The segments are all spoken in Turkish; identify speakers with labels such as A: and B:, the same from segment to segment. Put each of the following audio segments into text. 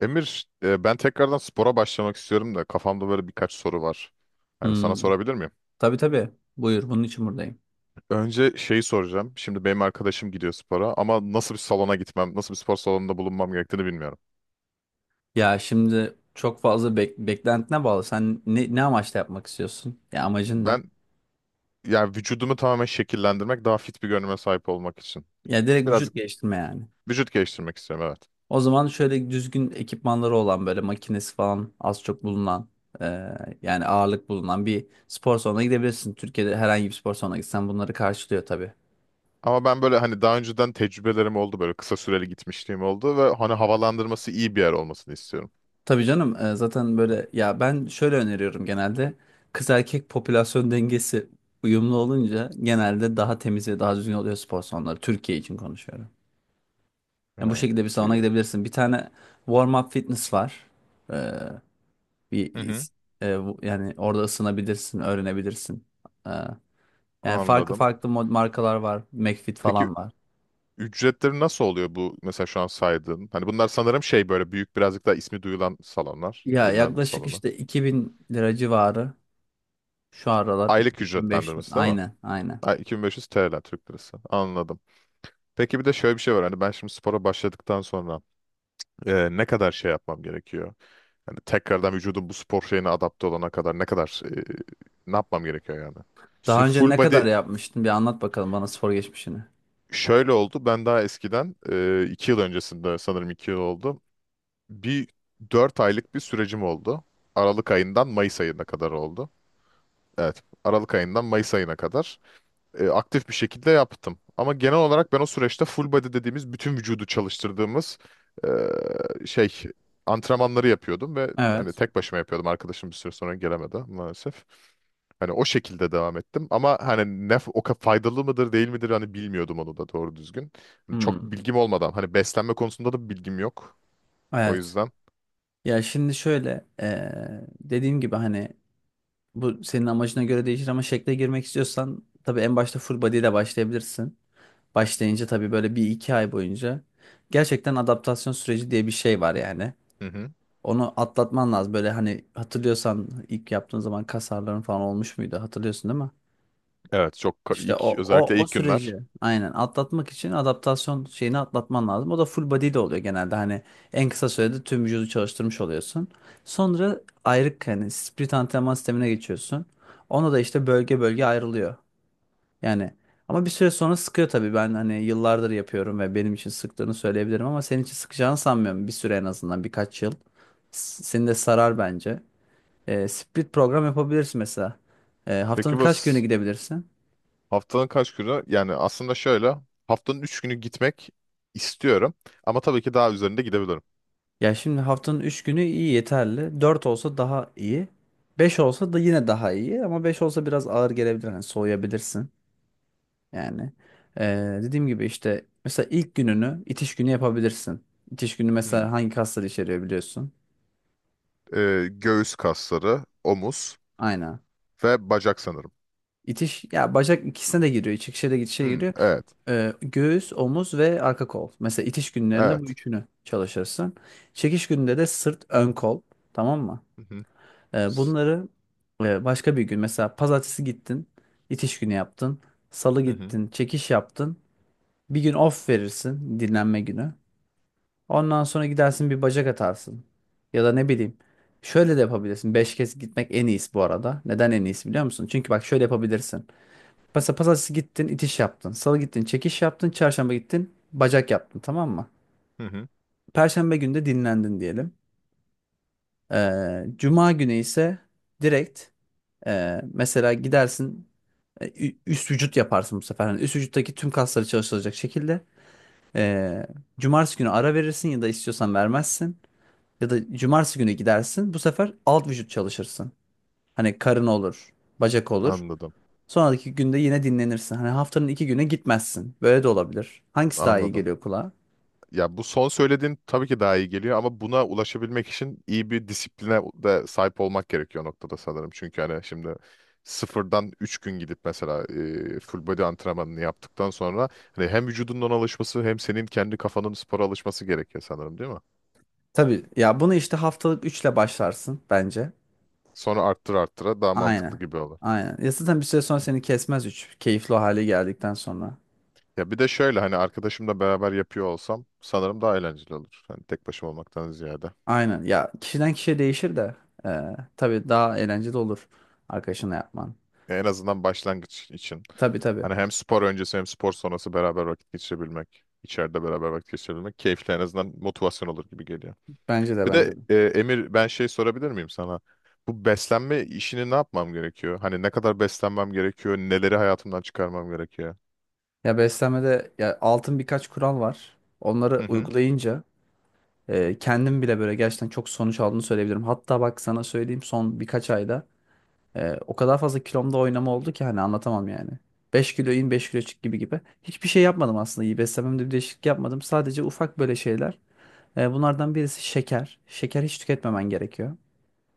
A: Emir, ben tekrardan spora başlamak istiyorum da kafamda böyle birkaç soru var. Yani sana
B: Hmm,
A: sorabilir miyim?
B: tabii tabii. Buyur, bunun için buradayım.
A: Önce şeyi soracağım. Şimdi benim arkadaşım gidiyor spora ama nasıl bir salona gitmem, nasıl bir spor salonunda bulunmam gerektiğini bilmiyorum.
B: Ya şimdi çok fazla beklentine bağlı. Sen ne amaçla yapmak istiyorsun? Ya amacın ne?
A: Ben, yani vücudumu tamamen şekillendirmek, daha fit bir görünüme sahip olmak için.
B: Ya direkt
A: Biraz
B: vücut geliştirme yani.
A: vücut geliştirmek istiyorum, evet.
B: O zaman şöyle düzgün ekipmanları olan böyle makinesi falan az çok bulunan e, yani ağırlık bulunan bir spor salonuna gidebilirsin. Türkiye'de herhangi bir spor salonuna gitsen bunları karşılıyor tabii.
A: Ama ben böyle, hani, daha önceden tecrübelerim oldu, böyle kısa süreli gitmişliğim oldu ve hani havalandırması iyi bir yer olmasını istiyorum.
B: Tabii canım, zaten böyle ya, ben şöyle öneriyorum genelde: kız erkek popülasyon dengesi uyumlu olunca genelde daha temiz ve daha düzgün oluyor spor salonları. Türkiye için konuşuyorum. Yani bu
A: Ya,
B: şekilde bir salona
A: iyi.
B: gidebilirsin. Bir tane warm up fitness var. Ee, bir
A: Hı hı.
B: is- e, bu- yani orada ısınabilirsin, öğrenebilirsin. Ee, yani farklı
A: Anladım.
B: farklı markalar var. McFit
A: Peki,
B: falan var.
A: ücretleri nasıl oluyor bu mesela şu an saydığın? Hani bunlar sanırım şey, böyle büyük, birazcık daha ismi duyulan salonlar,
B: Ya
A: bilinen
B: yaklaşık
A: salonlar.
B: işte 2.000 lira civarı şu aralar,
A: Aylık
B: 2500,
A: ücretlendirmesi değil mi?
B: aynen aynen.
A: Ay, 2500 TL, Türk lirası. Anladım. Peki, bir de şöyle bir şey var. Hani, ben şimdi spora başladıktan sonra ne kadar şey yapmam gerekiyor? Hani tekrardan vücudum bu spor şeyine adapte olana kadar ne kadar, ne yapmam gerekiyor yani? İşte
B: Daha önce
A: full
B: ne
A: body.
B: kadar yapmıştın? Bir anlat bakalım bana spor geçmişini.
A: Şöyle oldu: ben daha eskiden, 2 yıl öncesinde, sanırım 2 yıl oldu. Bir 4 aylık bir sürecim oldu. Aralık ayından Mayıs ayına kadar oldu. Evet, Aralık ayından Mayıs ayına kadar aktif bir şekilde yaptım. Ama genel olarak ben o süreçte, full body dediğimiz, bütün vücudu çalıştırdığımız e, şey antrenmanları yapıyordum ve hani
B: Evet.
A: tek başıma yapıyordum. Arkadaşım bir süre sonra gelemedi maalesef. Hani o şekilde devam ettim ama hani faydalı mıdır değil midir, hani, bilmiyordum onu da doğru düzgün. Hani çok
B: Hmm.
A: bilgim olmadan, hani beslenme konusunda da bilgim yok. O
B: Evet.
A: yüzden.
B: Ya şimdi şöyle dediğim gibi, hani bu senin amacına göre değişir ama şekle girmek istiyorsan tabii en başta full body ile başlayabilirsin. Başlayınca tabii böyle bir iki ay boyunca gerçekten adaptasyon süreci diye bir şey var yani.
A: Hı hı.
B: Onu atlatman lazım. Böyle hani, hatırlıyorsan ilk yaptığın zaman kas ağrıların falan olmuş muydu? Hatırlıyorsun değil mi?
A: Evet,
B: İşte
A: ilk,
B: o, o,
A: özellikle
B: o
A: ilk
B: süreci
A: günler.
B: aynen atlatmak için adaptasyon şeyini atlatman lazım. O da full body de oluyor genelde. Hani en kısa sürede tüm vücudu çalıştırmış oluyorsun. Sonra ayrık, hani split antrenman sistemine geçiyorsun. Onu da işte bölge bölge ayrılıyor. Yani, ama bir süre sonra sıkıyor tabii. Ben hani yıllardır yapıyorum ve benim için sıktığını söyleyebilirim ama senin için sıkacağını sanmıyorum. Bir süre, en azından birkaç yıl. Seni de sarar bence. Split program yapabilirsin mesela. Haftanın
A: Peki, bu
B: kaç günü gidebilirsin?
A: haftanın kaç günü? Yani aslında şöyle, haftanın 3 günü gitmek istiyorum ama tabii ki daha üzerinde gidebilirim.
B: Ya şimdi, haftanın 3 günü iyi, yeterli. 4 olsa daha iyi. 5 olsa da yine daha iyi. Ama 5 olsa biraz ağır gelebilir, hani soğuyabilirsin. Yani, dediğim gibi, işte mesela ilk gününü itiş günü yapabilirsin. İtiş günü
A: Hmm.
B: mesela hangi kasları içeriyor, biliyorsun.
A: Göğüs kasları, omuz
B: Aynen.
A: ve bacak sanırım.
B: İtiş ya, bacak ikisine de giriyor. İçişe de gidişe de
A: Hmm.
B: giriyor.
A: Evet.
B: Göğüs, omuz ve arka kol. Mesela itiş günlerinde bu
A: Evet.
B: üçünü çalışırsın. Çekiş gününde de sırt, ön kol. Tamam mı?
A: Hı hı.
B: E,
A: S-
B: bunları başka bir gün, mesela pazartesi gittin, itiş günü yaptın. Salı
A: Hı hı.
B: gittin, çekiş yaptın. Bir gün off verirsin, dinlenme günü. Ondan sonra gidersin, bir bacak atarsın. Ya da ne bileyim, şöyle de yapabilirsin. 5 kez gitmek en iyisi bu arada. Neden en iyisi, biliyor musun? Çünkü bak, şöyle yapabilirsin. Mesela pazartesi gittin, itiş yaptın. Salı gittin, çekiş yaptın. Çarşamba gittin, bacak yaptın, tamam mı?
A: Hı hı.
B: Perşembe günü de dinlendin diyelim. Cuma günü ise direkt, mesela gidersin, üst vücut yaparsın bu sefer. Hani üst vücuttaki tüm kasları çalıştıracak şekilde. Ee, cumartesi günü ara verirsin ya da istiyorsan vermezsin. Ya da cumartesi günü gidersin, bu sefer alt vücut çalışırsın. Hani karın olur, bacak olur.
A: Anladım.
B: Sonraki günde yine dinlenirsin. Hani haftanın 2 güne gitmezsin. Böyle de olabilir. Hangisi daha iyi
A: Anladım.
B: geliyor kulağa?
A: Ya, bu son söylediğin tabii ki daha iyi geliyor ama buna ulaşabilmek için iyi bir disipline de sahip olmak gerekiyor o noktada sanırım. Çünkü, hani, şimdi sıfırdan 3 gün gidip mesela full body antrenmanını yaptıktan sonra hani hem vücudunun ona alışması, hem senin kendi kafanın spora alışması gerekiyor sanırım, değil mi?
B: Tabii ya, bunu işte haftalık üçle başlarsın bence.
A: Sonra arttıra daha mantıklı
B: Aynen.
A: gibi olur.
B: Aynen. Ya zaten bir süre sonra seni kesmez üç, keyifli o hale geldikten sonra.
A: Ya, bir de şöyle, hani, arkadaşımla beraber yapıyor olsam sanırım daha eğlenceli olur. Hani tek başıma olmaktan ziyade.
B: Aynen. Ya, kişiden kişiye değişir de tabii daha eğlenceli olur arkadaşına yapman.
A: En azından başlangıç için.
B: Tabii tabii.
A: Hani hem spor öncesi, hem spor sonrası beraber vakit geçirebilmek, içeride beraber vakit geçirebilmek keyifli, en azından motivasyon olur gibi geliyor.
B: Bence de,
A: Bir de
B: bence de.
A: Emir, ben şey sorabilir miyim sana? Bu beslenme işini ne yapmam gerekiyor? Hani ne kadar beslenmem gerekiyor? Neleri hayatımdan çıkarmam gerekiyor?
B: Ya beslenmede, ya, altın birkaç kural var. Onları
A: Hı hı.
B: uygulayınca kendim bile böyle, gerçekten çok sonuç aldığını söyleyebilirim. Hatta bak sana söyleyeyim, son birkaç ayda o kadar fazla kilomda oynama oldu ki, hani anlatamam yani. 5 kilo in, 5 kilo çık gibi gibi. Hiçbir şey yapmadım aslında. İyi, beslenmemde bir değişiklik yapmadım. Sadece ufak böyle şeyler. Bunlardan birisi şeker. Şeker hiç tüketmemen gerekiyor.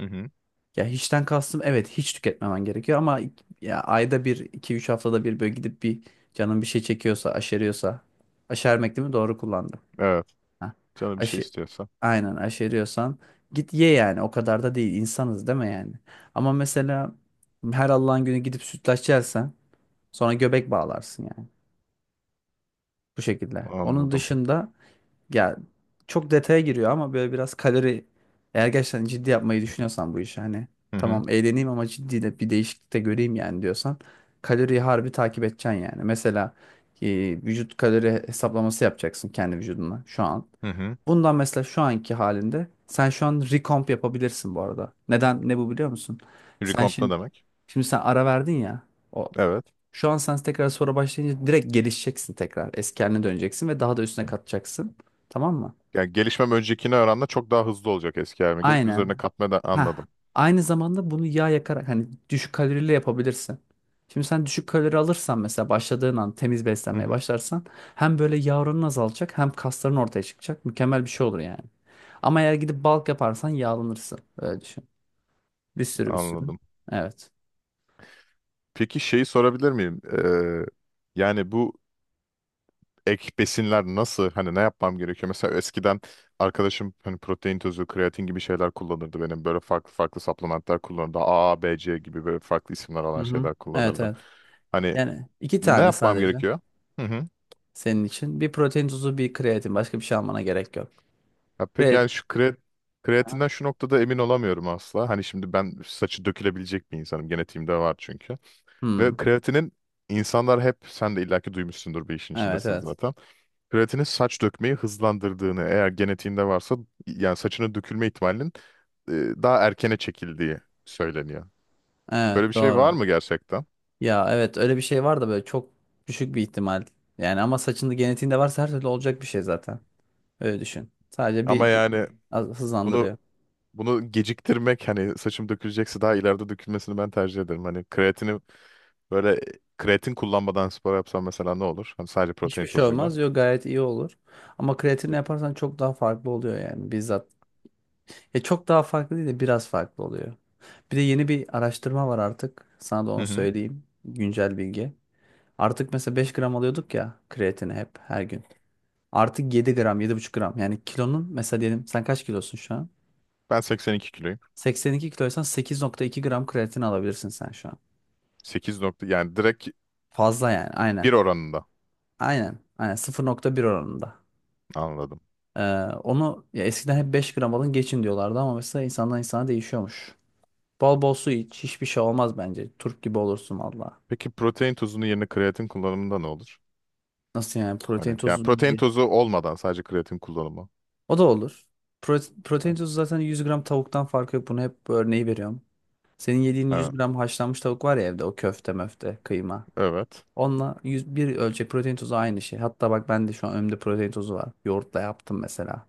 A: Hı hı.
B: Ya, hiçten kastım, evet hiç tüketmemen gerekiyor ama ya, ayda bir, iki, üç haftada bir böyle gidip bir, canın bir şey çekiyorsa, aşeriyorsa. Aşermek değil mi? Doğru kullandım.
A: Evet.
B: Ha.
A: Canı bir şey
B: Aşı,
A: istiyorsa.
B: aynen aşeriyorsan git ye, yani o kadar da değil, insanız değil mi yani? Ama mesela her Allah'ın günü gidip sütlaç yersen sonra göbek bağlarsın yani, bu şekilde. Onun
A: Anladım.
B: dışında, ya çok detaya giriyor ama böyle biraz kalori, eğer gerçekten ciddi yapmayı düşünüyorsan bu işi, hani
A: Hı hı.
B: "Tamam, eğleneyim ama ciddi de bir değişiklik de göreyim yani" diyorsan, kaloriyi harbi takip edeceksin yani. Mesela e, vücut kalori hesaplaması yapacaksın kendi vücuduna şu an.
A: Hı hı.
B: Bundan, mesela şu anki halinde sen şu an recomp yapabilirsin bu arada. Neden, ne bu, biliyor musun? Sen
A: Recomp ne
B: şimdi
A: demek?
B: şimdi sen ara verdin ya. O,
A: Evet.
B: şu an sen tekrar sonra başlayınca direkt gelişeceksin tekrar. Eski haline döneceksin ve daha da üstüne katacaksın. Tamam mı?
A: Yani gelişmem öncekine oranla çok daha hızlı olacak, eski halime gelip üzerine
B: Aynen.
A: katma da,
B: Ha.
A: anladım.
B: Aynı zamanda bunu yağ yakarak, hani düşük kalorili yapabilirsin. Şimdi sen düşük kalori alırsan, mesela başladığın an temiz
A: Hı
B: beslenmeye
A: hı.
B: başlarsan, hem böyle yağ oranın azalacak hem kasların ortaya çıkacak. Mükemmel bir şey olur yani. Ama eğer gidip bulk yaparsan yağlanırsın. Öyle düşün. Bir sürü, bir sürü.
A: Anladım.
B: Evet.
A: Peki, şeyi sorabilir miyim? Yani bu ek besinler nasıl? Hani ne yapmam gerekiyor? Mesela eskiden arkadaşım, hani, protein tozu, kreatin gibi şeyler kullanırdı benim. Böyle farklı farklı supplementler kullanırdı. A, B, C gibi böyle farklı isimler
B: Hı
A: alan
B: hı.
A: şeyler
B: Evet
A: kullanırdı.
B: evet.
A: Hani
B: Yani iki
A: ne
B: tane
A: yapmam
B: sadece
A: gerekiyor? Hı hı.
B: senin için: bir protein tozu, bir kreatin. Başka bir şey almana gerek yok.
A: Ya peki, yani
B: Kreatin.
A: şu kreatinden şu noktada emin olamıyorum asla. Hani şimdi ben saçı dökülebilecek bir insanım. Genetiğimde var çünkü.
B: Hmm.
A: Ve kreatinin, insanlar hep, sen de illaki duymuşsundur, bir işin
B: Evet
A: içindesin
B: evet.
A: zaten. Kreatinin saç dökmeyi hızlandırdığını, eğer genetiğinde varsa, yani saçının dökülme ihtimalinin e, daha erkene çekildiği söyleniyor. Böyle bir
B: Evet,
A: şey var
B: doğru.
A: mı gerçekten?
B: Ya evet, öyle bir şey var da böyle çok düşük bir ihtimal. Yani ama saçında, genetiğinde varsa her türlü olacak bir şey zaten. Öyle düşün. Sadece
A: Ama
B: bir, bir
A: yani,
B: az-
A: bunu
B: hızlandırıyor.
A: bunu geciktirmek, hani saçım dökülecekse daha ileride dökülmesini ben tercih ederim. Hani böyle kreatin kullanmadan spor yapsam mesela ne olur? Hani sadece
B: Hiçbir
A: protein
B: şey
A: tozuyla.
B: olmaz, diyor, gayet iyi olur. Ama kreatinle
A: Peki.
B: yaparsan çok daha farklı oluyor yani, bizzat. Ya çok daha farklı değil de biraz farklı oluyor. Bir de yeni bir araştırma var artık, sana da
A: Hı
B: onu
A: hı.
B: söyleyeyim. Güncel bilgi. Artık mesela 5 gram alıyorduk ya kreatini, hep her gün. Artık 7 gram, 7,5 gram. Yani kilonun, mesela diyelim, sen kaç kilosun şu an?
A: Ben 82 kiloyum.
B: 82 kiloysan 8,2 gram kreatin alabilirsin sen şu an.
A: 8 nokta, yani direkt
B: Fazla yani, aynen.
A: bir oranında,
B: Aynen. Aynen, 0,1 oranında.
A: anladım.
B: Ee, onu ya eskiden hep 5 gram alın geçin diyorlardı ama mesela insandan insana değişiyormuş. Bol bol su iç. Hiçbir şey olmaz bence. Turp gibi olursun valla.
A: Peki, protein tozunun yerine kreatin kullanımında ne olur?
B: Nasıl yani, protein
A: Hani yani,
B: tozu
A: protein
B: ye.
A: tozu olmadan sadece kreatin kullanımı.
B: O da olur. Protein
A: Ha,
B: tozu zaten 100 gram tavuktan farkı yok. Bunu hep, bu örneği veriyorum. Senin yediğin 100
A: ha,
B: gram haşlanmış tavuk var ya evde, o köfte möfte kıyma,
A: evet.
B: onunla 101 ölçek protein tozu aynı şey. Hatta bak, ben de şu an önümde protein tozu var, yoğurtla yaptım mesela.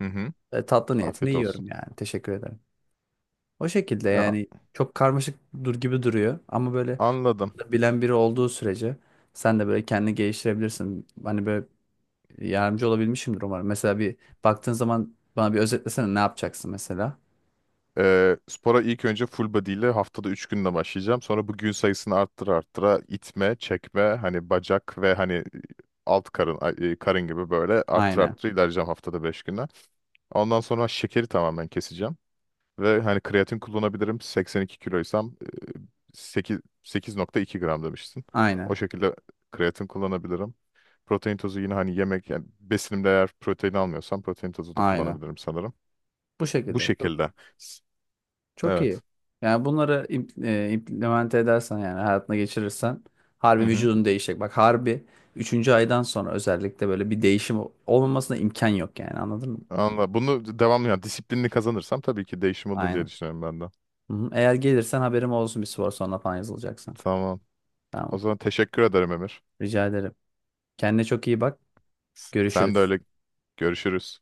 A: Hı hı.
B: Tatlı niyetine
A: Afiyet olsun.
B: yiyorum yani. Teşekkür ederim. O şekilde
A: Ya,
B: yani. Çok karmaşık dur gibi duruyor ama böyle
A: anladım.
B: bilen biri olduğu sürece sen de böyle kendini geliştirebilirsin. Hani böyle yardımcı olabilmişimdir umarım. Mesela bir baktığın zaman bana, bir özetlesene ne yapacaksın mesela.
A: Spora ilk önce full body ile haftada 3 günde başlayacağım. Sonra bu gün sayısını arttıra arttıra, itme, çekme, hani bacak ve hani alt karın, karın gibi, böyle arttıra
B: Aynen.
A: arttıra ilerleyeceğim haftada 5 güne. Ondan sonra şekeri tamamen keseceğim. Ve hani kreatin kullanabilirim. 82 kiloysam 8, 8,2 gram demiştin. O
B: Aynen.
A: şekilde kreatin kullanabilirim. Protein tozu yine, hani yemek, yani besinimde eğer protein almıyorsam protein tozu da
B: Aynen.
A: kullanabilirim sanırım.
B: Bu
A: Bu
B: şekilde.
A: şekilde. S-
B: Çok iyi.
A: Evet.
B: Yani bunları implement edersen, yani hayatına geçirirsen,
A: Hı
B: harbi
A: hı.
B: vücudun değişecek. Bak, harbi üçüncü aydan sonra özellikle böyle bir değişim olmamasına imkan yok yani, anladın mı?
A: Anla. Bunu devamlı, yani disiplinli kazanırsam tabii ki değişim olur diye
B: Aynen.
A: düşünüyorum ben de.
B: Hı-hı. Eğer gelirsen haberim olsun, bir spor sonra falan yazılacaksan.
A: Tamam. O
B: Tamam.
A: zaman teşekkür ederim, Emir.
B: Rica ederim. Kendine çok iyi bak.
A: Sen de
B: Görüşürüz.
A: öyle, görüşürüz.